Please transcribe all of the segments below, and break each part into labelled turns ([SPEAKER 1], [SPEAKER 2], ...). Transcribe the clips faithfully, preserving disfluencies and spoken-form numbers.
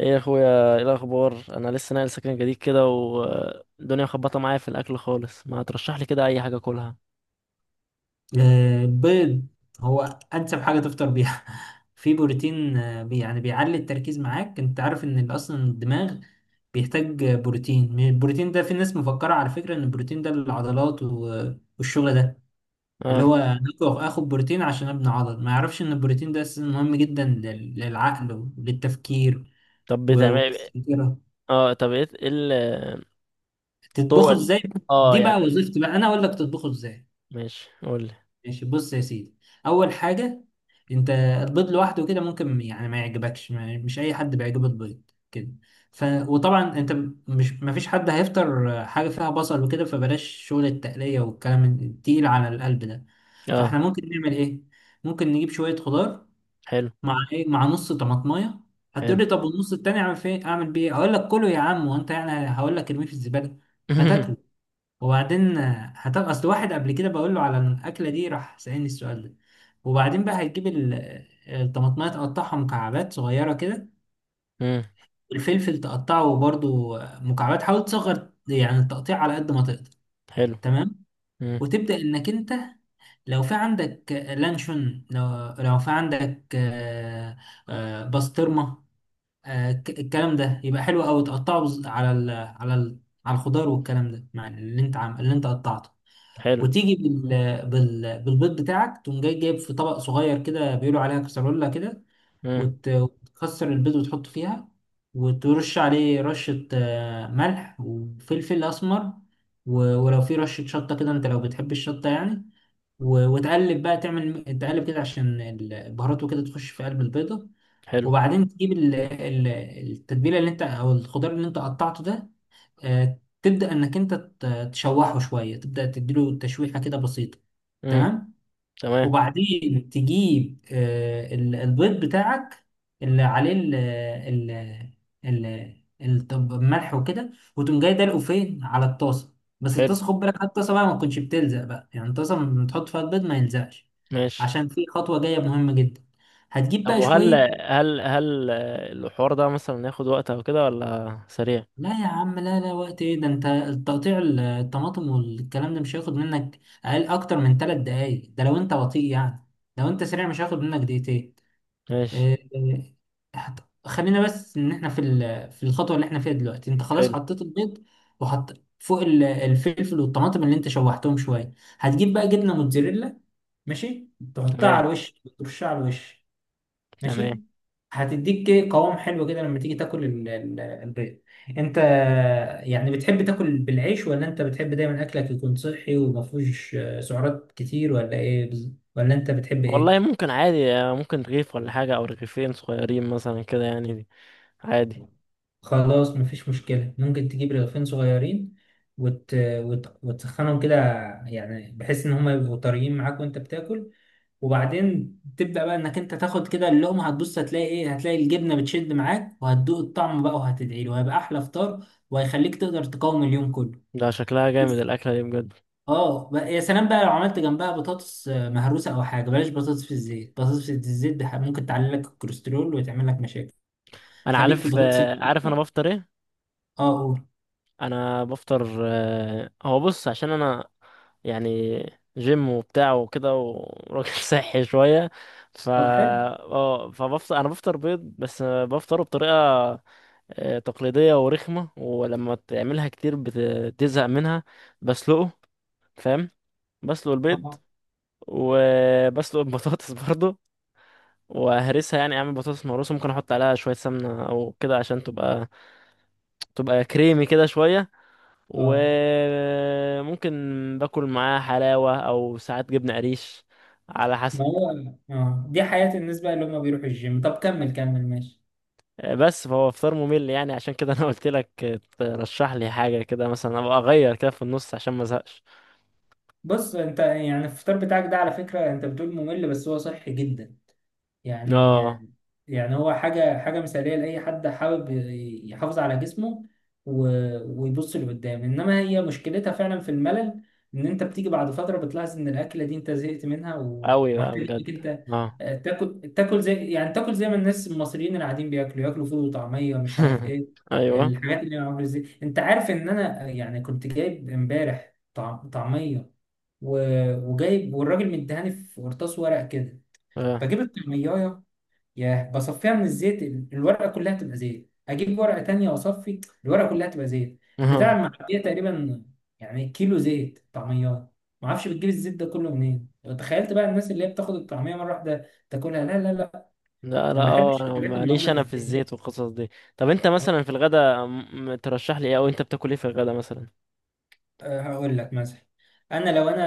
[SPEAKER 1] ايه يا اخويا، ايه الاخبار؟ انا لسه ناقل سكن جديد كده والدنيا مخبطه معايا في الاكل خالص. ما ترشح لي كده اي حاجه اكلها؟
[SPEAKER 2] آه، البيض هو انسب حاجه تفطر بيها. في بروتين، آه، بي يعني بيعلي التركيز معاك. انت عارف ان ال- اصلا الدماغ بيحتاج آه، بروتين. من البروتين ده في ناس مفكره على فكره ان البروتين ده للعضلات و- والشغل ده، اللي
[SPEAKER 1] اه،
[SPEAKER 2] هو آكل- اخد بروتين عشان ابني عضل. ما يعرفش ان البروتين ده اساسا مهم جدا لل- للعقل وللتفكير
[SPEAKER 1] طب
[SPEAKER 2] و-
[SPEAKER 1] بتعمل إيه؟
[SPEAKER 2] وللذاكره.
[SPEAKER 1] اه، طب ايه إيه ال- الطرق
[SPEAKER 2] تطبخه
[SPEAKER 1] ال-
[SPEAKER 2] ازاي؟
[SPEAKER 1] اه
[SPEAKER 2] دي
[SPEAKER 1] يعني.
[SPEAKER 2] بقى وظيفتي، بقى انا اقول لك تطبخه ازاي.
[SPEAKER 1] ماشي، قول لي.
[SPEAKER 2] ماشي، بص يا سيدي. اول حاجه، انت البيض لوحده كده ممكن يعني ما يعجبكش. ما مش اي حد بيعجبه البيض كده. ف وطبعا انت م- مش، ما فيش حد هيفطر حاجه فيها بصل وكده، فبلاش شغل التقليه والكلام التقيل على القلب ده.
[SPEAKER 1] اه،
[SPEAKER 2] فاحنا ممكن نعمل ايه؟ ممكن نجيب شويه خضار
[SPEAKER 1] حلو
[SPEAKER 2] مع ايه مع نص طماطمايه. هتقول
[SPEAKER 1] حلو.
[SPEAKER 2] لي، طب والنص التاني اعمل فيه اعمل بيه إيه؟ اقول لك كله يا عم. وانت يعني هقول لك ارميه في الزباله؟ ما تاكله. وبعدين هتبقى، اصل واحد قبل كده بقول له على الاكله دي راح سالني السؤال ده. وبعدين بقى هتجيب ال- الطماطمايه، تقطعها مكعبات صغيره كده.
[SPEAKER 1] امم
[SPEAKER 2] والفلفل تقطعه برضو مكعبات، حاول تصغر يعني التقطيع على قد ما تقدر.
[SPEAKER 1] حلو
[SPEAKER 2] تمام.
[SPEAKER 1] امم،
[SPEAKER 2] وتبدا انك انت، لو في عندك لانشون، لو لو في عندك آه، آه، بسطرمه، آه، ك- الكلام ده يبقى حلو قوي. تقطعه بز- على ال- على ال- على الخضار والكلام ده مع اللي انت عم اللي انت قطعته.
[SPEAKER 1] حلو.
[SPEAKER 2] وتيجي بال... بال... بالبيض بتاعك. تقوم جاي جايب في طبق صغير كده بيقولوا عليها كسرولة كده،
[SPEAKER 1] امم،
[SPEAKER 2] وت... وتكسر البيض وتحطه فيها. وترش عليه رشة آه، ملح وفلفل أسمر. و... ولو في رشة شطة كده، أنت لو بتحب الشطة يعني. و... وتقلب بقى، تعمل تقلب كده عشان البهارات وكده تخش في قلب البيضة.
[SPEAKER 1] حلو.
[SPEAKER 2] وبعدين تجيب ال... ال- التتبيلة اللي أنت، أو الخضار اللي أنت قطعته ده، آه، تبدأ إنك أنت ت- تشوحه شوية. تبدأ تديله تشويحة كده بسيطة.
[SPEAKER 1] امم،
[SPEAKER 2] تمام.
[SPEAKER 1] تمام.
[SPEAKER 2] وبعدين تجيب آه، ال- البيض بتاعك اللي عليه ال ال ال الطب- الملح وكده، وتقوم جاي دلقه فين على الطاسة. بس
[SPEAKER 1] حلو.
[SPEAKER 2] الطاسة، خد بالك على الطاسة بقى ما تكونش بتلزق بقى، يعني الطاسة لما تحط فيها البيض ما يلزقش،
[SPEAKER 1] ماشي.
[SPEAKER 2] عشان في خطوة جاية مهمة جدا. هتجيب
[SPEAKER 1] طب،
[SPEAKER 2] بقى
[SPEAKER 1] وهل
[SPEAKER 2] شوية.
[SPEAKER 1] هل هل الحوار ده مثلا ياخد وقت او كده ولا سريع؟
[SPEAKER 2] لا يا عم، لا لا، وقت ايه ده؟ انت التقطيع، ال- الطماطم والكلام ده مش هياخد منك اقل اكتر من ثلاث دقايق، ده لو انت بطيء يعني. لو انت سريع مش هياخد منك دقيقتين.
[SPEAKER 1] ماشي.
[SPEAKER 2] إيه، إيه، هت- خلينا بس ان احنا في ال- في الخطوه اللي احنا فيها دلوقتي. انت خلاص
[SPEAKER 1] حلو.
[SPEAKER 2] حطيت البيض، وحط فوق ال- الفلفل والطماطم اللي انت شوحتهم شويه. هتجيب بقى جبنه موتزاريلا، ماشي، تحطها
[SPEAKER 1] تمام.
[SPEAKER 2] على الوش. ترشها على الوش،
[SPEAKER 1] تمام.
[SPEAKER 2] ماشي. هتديك قوام حلو كده لما تيجي تاكل ال- ال- البيض. انت يعني بتحب تاكل بالعيش، ولا انت بتحب دايما اكلك يكون صحي وما فيهوش سعرات كتير، ولا ايه بز- ولا انت بتحب
[SPEAKER 1] والله
[SPEAKER 2] ايه؟
[SPEAKER 1] ممكن عادي، آه، ممكن رغيف ولا حاجة أو رغيفين صغيرين مثلا كده يعني دي. عادي.
[SPEAKER 2] خلاص مفيش مشكلة، ممكن تجيب رغيفين صغيرين، وت... وت... وتسخنهم كده، يعني بحيث إن هما يبقوا طريين معاك وأنت بتاكل. وبعدين تبدأ بقى إنك أنت تاخد كده اللقمة. هتبص، هتلاقي إيه؟ هتلاقي الجبنة بتشد معاك، وهتدوق الطعم بقى وهتدعي له، وهيبقى أحلى فطار، وهيخليك تقدر تقاوم اليوم كله.
[SPEAKER 1] ده شكلها جامد
[SPEAKER 2] بس،
[SPEAKER 1] الأكلة دي بجد.
[SPEAKER 2] اه بقى يا سلام بقى، لو عملت جنبها بطاطس آه، مهروسة أو حاجة، بلاش بطاطس في الزيت. بطاطس في الزيت ده ممكن تعلي لك الكوليسترول وتعمل لك مشاكل.
[SPEAKER 1] أنا
[SPEAKER 2] خليك في
[SPEAKER 1] عارف،
[SPEAKER 2] البطاطس
[SPEAKER 1] آه، عارف أنا
[SPEAKER 2] المهروسة.
[SPEAKER 1] بفطر إيه.
[SPEAKER 2] اه قول.
[SPEAKER 1] أنا بفطر، آه، هو بص عشان أنا يعني جيم وبتاع وكده وراجل صحي شوية. ف
[SPEAKER 2] طب حلو.
[SPEAKER 1] اه فبفطر، أنا بفطر بيض بس، آه، بفطره بطريقة آه، تقليدية ورخمة ولما تعملها كتير بتزهق منها. بسلقه، فاهم، بسلق البيض
[SPEAKER 2] اه.
[SPEAKER 1] وبسلق البطاطس برضو، وهرسها، يعني اعمل بطاطس مهروسه، ممكن احط عليها شويه سمنه او كده عشان تبقى تبقى كريمي كده شويه.
[SPEAKER 2] اه.
[SPEAKER 1] وممكن باكل معاها حلاوه او ساعات جبنه قريش، على حسب.
[SPEAKER 2] ما هو اه، دي حياة الناس بقى اللي هم بيروحوا الجيم. طب كمل كمل، ماشي.
[SPEAKER 1] بس فهو فطار ممل، يعني عشان كده انا قلت لك ترشح لي حاجه كده مثلا ابقى اغير كده في النص عشان ما ازهقش.
[SPEAKER 2] بص، انت يعني الفطار بتاعك ده على فكرة انت بتقول ممل، بس هو صحي جدا، يعني.
[SPEAKER 1] اه،
[SPEAKER 2] يعني هو حاجة حاجة مثالية لأي حد حابب يحافظ على جسمه، و- ويبص لقدام. إنما هي مشكلتها فعلا في الملل، إن أنت بتيجي بعد فترة بتلاحظ إن الأكلة دي أنت زهقت منها،
[SPEAKER 1] قوي بقى
[SPEAKER 2] ومحتاج إنك
[SPEAKER 1] بجد.
[SPEAKER 2] أنت
[SPEAKER 1] اه.
[SPEAKER 2] آه، تاكل، تاكل زي يعني تاكل زي ما الناس المصريين العاديين بياكلوا ياكلوا فول وطعمية مش عارف إيه،
[SPEAKER 1] ايوه.
[SPEAKER 2] الحاجات اللي معمولة، زي أنت عارف إن أنا يعني كنت جايب إمبارح طعم- طعمية، و- وجايب، والراجل مديهاني في قرطاس ورق كده.
[SPEAKER 1] اه.
[SPEAKER 2] بجيب الطعمية، ياه، بصفيها من الزيت، ال- الورقة كلها تبقى زيت. أجيب ورقة تانية وأصفي، الورقة كلها تبقى زيت، البتاع المحلية تقريبا، يعني كيلو زيت طعميات. معرفش بتجيب الزيت ده كله منين. تخيلت بقى الناس اللي هي بتاخد الطعمية مرة واحدة تاكلها. لا لا لا،
[SPEAKER 1] لا انا
[SPEAKER 2] أنا ما
[SPEAKER 1] اه
[SPEAKER 2] بحبش
[SPEAKER 1] انا
[SPEAKER 2] الحاجات
[SPEAKER 1] معليش،
[SPEAKER 2] المعمولة في
[SPEAKER 1] انا في
[SPEAKER 2] الزيت.
[SPEAKER 1] الزيت والقصص دي. طب انت مثلا في الغدا م- م- ترشح لي ايه، او انت بتاكل ايه في الغدا مثلا؟
[SPEAKER 2] أه، هقول لك مثلا. أنا، لو أنا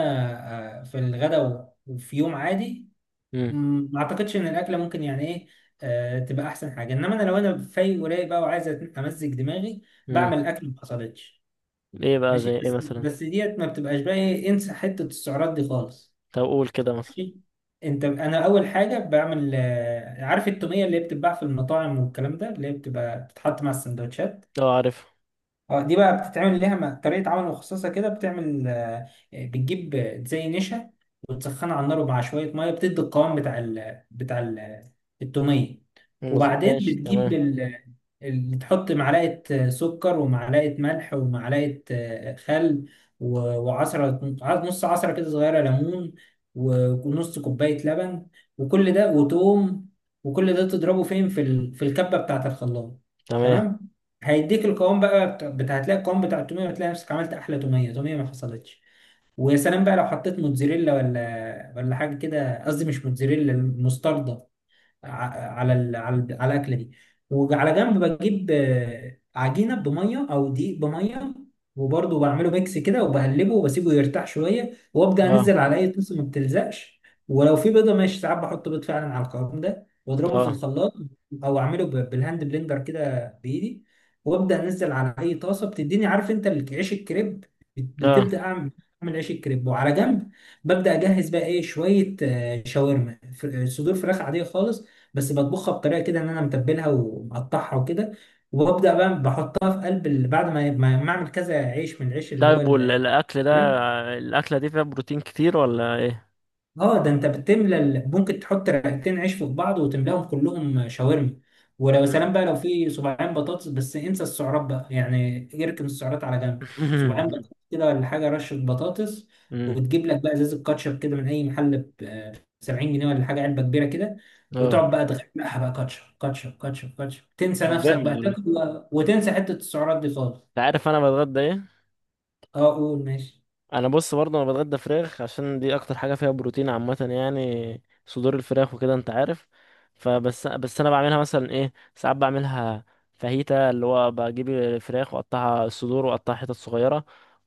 [SPEAKER 2] آه، في الغداء وفي يوم عادي،
[SPEAKER 1] امم.
[SPEAKER 2] مم، ما أعتقدش إن الأكلة ممكن يعني إيه آه، تبقى أحسن حاجة. إنما أنا، لو أنا فايق ورايق بقى وعايز أمزج دماغي،
[SPEAKER 1] امم،
[SPEAKER 2] بعمل اكل ما حصلتش.
[SPEAKER 1] ايه بقى زي
[SPEAKER 2] ماشي،
[SPEAKER 1] ايه
[SPEAKER 2] بس
[SPEAKER 1] مثلا؟
[SPEAKER 2] بس ديت ما بتبقاش بقى ايه، انسى حتة السعرات دي خالص.
[SPEAKER 1] طب قول كده مثلا.
[SPEAKER 2] ماشي. انت انا اول حاجة بعمل، آه، عارف التومية اللي هي بتتباع في المطاعم والكلام ده، اللي هي بتبقى بتتحط مع السندوتشات.
[SPEAKER 1] اه، عارف.
[SPEAKER 2] اه، دي بقى بتتعمل ليها م- طريقة عمل مخصصة كده. بتعمل، آه، بتجيب زي نشا، وتسخنها على النار مع شوية مية، بتدي القوام بتاع ال بتاع ال التومية.
[SPEAKER 1] مظبوط،
[SPEAKER 2] وبعدين
[SPEAKER 1] ماشي.
[SPEAKER 2] بتجيب
[SPEAKER 1] تمام.
[SPEAKER 2] ال ال- تحط معلقة آه، سكر، ومعلقة ملح، ومعلقة آه، خل، و- وعصرة ع- نص عصرة كده صغيرة ليمون، و- ونص كوباية لبن. وكل ده وتوم، وكل ده تضربه فين في ال- في الكبة بتاعة الخلاط.
[SPEAKER 1] تمام.
[SPEAKER 2] تمام. هيديك القوام بقى بتاع بتاع- هتلاقي القوام بتاع التوميه، وتلاقي نفسك عملت احلى توميه، توميه ما حصلتش. ويا سلام بقى لو حطيت موتزاريلا ولا ولا حاجه كده، قصدي مش موتزاريلا المستردة، ع- على ال على ال على الاكله دي. وعلى جنب بجيب آه، عجينه بميه او دقيق بميه، وبرضه بعمله ميكس كده وبقلبه وبسيبه يرتاح شويه، وابدا
[SPEAKER 1] اه.
[SPEAKER 2] انزل على اي طاسه ما بتلزقش. ولو في بيضه، ماشي ساعات بحط بيض فعلا على القوام ده واضربه في
[SPEAKER 1] اه.
[SPEAKER 2] الخلاط، او اعمله ب- بالهاند بلندر كده بايدي. وابدا انزل على اي طاسه بتديني، عارف انت ال- عيش الكريب؟ بت-
[SPEAKER 1] اه.
[SPEAKER 2] بتبدا اعمل اعمل عيش الكريب. وعلى جنب ببدا اجهز بقى ايه، شويه آه، شاورما، ف- صدور فراخ عاديه خالص. بس بطبخها بطريقه كده، ان انا متبلها ومقطعها وكده. وببدا بقى بحطها في قلب ال- بعد ما ما ما اعمل كذا عيش من العيش اللي هو
[SPEAKER 1] طيب،
[SPEAKER 2] ال-
[SPEAKER 1] والاكل ده الاكله دي فيها بروتين كتير ولا ايه؟
[SPEAKER 2] اه. ده انت بتملى ال- ممكن تحط رغيفين عيش في بعض وتملاهم كلهم شاورما. ولو
[SPEAKER 1] امم.
[SPEAKER 2] سلام بقى، لو في صباعين بطاطس، بس انسى السعرات بقى يعني، اركن السعرات على جنب. صباعين بطاطس كده ولا حاجه، رشه بطاطس.
[SPEAKER 1] امم.
[SPEAKER 2] وتجيب لك بقى ازازه كاتشب كده من اي محل ب سبعين جنيه ولا حاجه، علبه كبيره كده.
[SPEAKER 1] اه.
[SPEAKER 2] وتقعد بقى تغرقها بقى، كاتشب كاتشب كاتشب كاتشب، تنسى
[SPEAKER 1] طب
[SPEAKER 2] نفسك
[SPEAKER 1] جامد
[SPEAKER 2] بقى
[SPEAKER 1] والله.
[SPEAKER 2] تاكل بقى، وتنسى حته السعرات دي خالص.
[SPEAKER 1] انت عارف انا بتغدى ايه؟
[SPEAKER 2] اه قول ماشي.
[SPEAKER 1] انا بص برضه، انا بتغدى فراخ عشان دي اكتر حاجه فيها بروتين عامه، يعني صدور الفراخ وكده، انت عارف. فبس بس انا بعملها مثلا ايه، ساعات بعملها فاهيتا، اللي هو بجيب الفراخ واقطعها الصدور واقطعها حتت صغيره.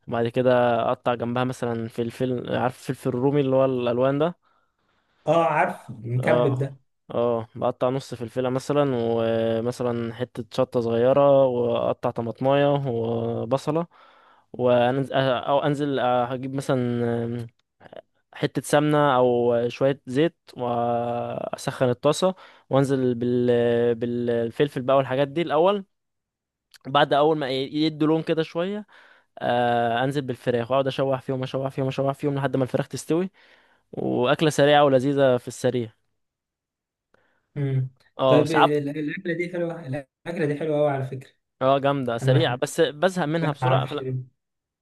[SPEAKER 1] وبعد كده اقطع جنبها مثلا فلفل، عارف الفلفل الرومي اللي هو الالوان ده.
[SPEAKER 2] اه، عارف المكبب
[SPEAKER 1] اه.
[SPEAKER 2] ده.
[SPEAKER 1] اه، بقطع نص فلفله مثلا، ومثلا حته شطه صغيره، واقطع طماطمايه وبصله. وانزل او انزل اجيب مثلا حتة سمنة أو شوية زيت وأسخن الطاسة. وأنزل بال... بالفلفل بقى والحاجات دي الأول. بعد أول ما ي- يدوا لون كده شوية، آه، أنزل بالفراخ وأقعد أشوح فيهم أشوح فيهم أشوح فيهم لحد ما الفراخ تستوي. وأكلة سريعة ولذيذة في السريع.
[SPEAKER 2] مم.
[SPEAKER 1] اه،
[SPEAKER 2] طيب،
[SPEAKER 1] ساعات.
[SPEAKER 2] ال- الأكلة دي حلوة، الأكلة دي حلوة أوي على فكرة.
[SPEAKER 1] اه جامدة
[SPEAKER 2] أنا بحبها،
[SPEAKER 1] سريعة بس بزهق
[SPEAKER 2] ما
[SPEAKER 1] منها بسرعة،
[SPEAKER 2] أعرفش
[SPEAKER 1] فلا.
[SPEAKER 2] ليه.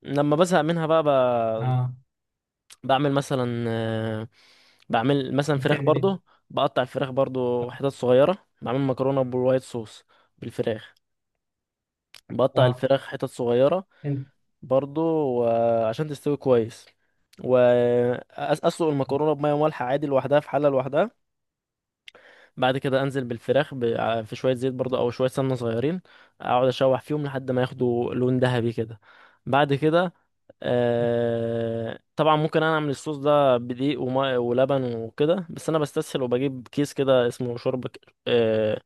[SPEAKER 1] لما بزهق منها بقى،
[SPEAKER 2] آه.
[SPEAKER 1] بعمل مثلا آه، بعمل مثلا فراخ
[SPEAKER 2] بتعمل إيه؟
[SPEAKER 1] برضو. بقطع الفراخ برضو حتت صغيرة، بعمل مكرونة بالوايت صوص بالفراخ. بقطع
[SPEAKER 2] آه.
[SPEAKER 1] الفراخ حتت صغيرة
[SPEAKER 2] أنت.
[SPEAKER 1] برضو، و- عشان تستوي كويس، وأسلق المكرونة بمية مالحة عادي لوحدها في حلة لوحدها. بعد كده انزل بالفراخ ب... ع- في شويه زيت برضه او شويه سمنه صغيرين، اقعد اشوح فيهم لحد ما ياخدوا لون ذهبي كده. بعد كده، آه... طبعا ممكن انا اعمل الصوص ده بدقيق وماء ولبن وكده، بس انا بستسهل وبجيب كيس كده اسمه شوربه ك- آه...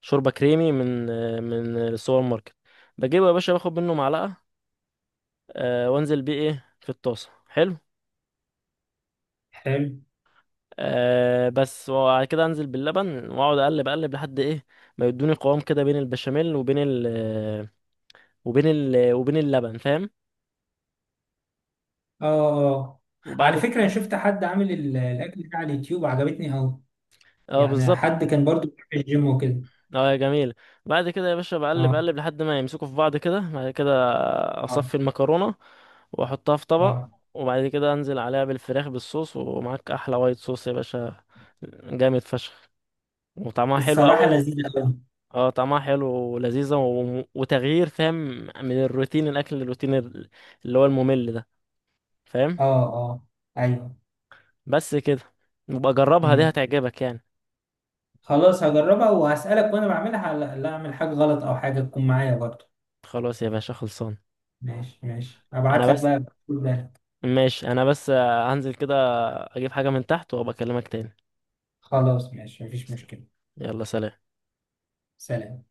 [SPEAKER 1] شوربه كريمي من آه... من السوبر ماركت. بجيبه يا باشا، باخد منه معلقه، آه... وانزل بيه ايه في الطاسه، حلو.
[SPEAKER 2] حلو.
[SPEAKER 1] أه بس، وبعد كده انزل باللبن واقعد اقلب اقلب لحد ايه، ما يدوني قوام كده بين البشاميل وبين ال آه، وبين ال آه، وبين اللبن، فاهم.
[SPEAKER 2] آه، آه،
[SPEAKER 1] وبعد
[SPEAKER 2] على
[SPEAKER 1] ك-
[SPEAKER 2] فكرة أنا شفت حد عامل ال- الأكل ده على اليوتيوب وعجبتني أوي.
[SPEAKER 1] اه،
[SPEAKER 2] يعني
[SPEAKER 1] بالظبط.
[SPEAKER 2] حد كان برضو بيروح الجيم وكده.
[SPEAKER 1] اه، جميل. بعد كده يا باشا بقلب
[SPEAKER 2] آه،
[SPEAKER 1] اقلب لحد ما يمسكوا في بعض كده. بعد كده
[SPEAKER 2] آه،
[SPEAKER 1] اصفي المكرونه واحطها في طبق،
[SPEAKER 2] آه.
[SPEAKER 1] وبعد كده انزل عليها بالفراخ بالصوص، ومعاك احلى وايت صوص يا باشا، جامد فشخ وطعمها حلو
[SPEAKER 2] الصراحة
[SPEAKER 1] قوي.
[SPEAKER 2] لذيذة أوي.
[SPEAKER 1] اه، طعمها حلو ولذيذة و... وتغيير، فاهم، من الروتين الأكل للروتين ال- اللي هو الممل ده، فاهم.
[SPEAKER 2] آه، آه. أيوه.
[SPEAKER 1] بس كده، نبقى جربها دي
[SPEAKER 2] مم.
[SPEAKER 1] هتعجبك يعني.
[SPEAKER 2] خلاص، هجربها وهسألك وأنا بعملها، لا لا أعمل حاجة غلط أو حاجة، تكون معايا برضو.
[SPEAKER 1] خلاص يا باشا، خلصان.
[SPEAKER 2] ماشي ماشي،
[SPEAKER 1] أنا
[SPEAKER 2] أبعت لك
[SPEAKER 1] بس
[SPEAKER 2] بقى كل ده.
[SPEAKER 1] ماشي، أنا بس هنزل كده أجيب حاجة من تحت وأبقى أكلمك تاني.
[SPEAKER 2] خلاص ماشي، مفيش مشكلة.
[SPEAKER 1] يلا، سلام.
[SPEAKER 2] سلام.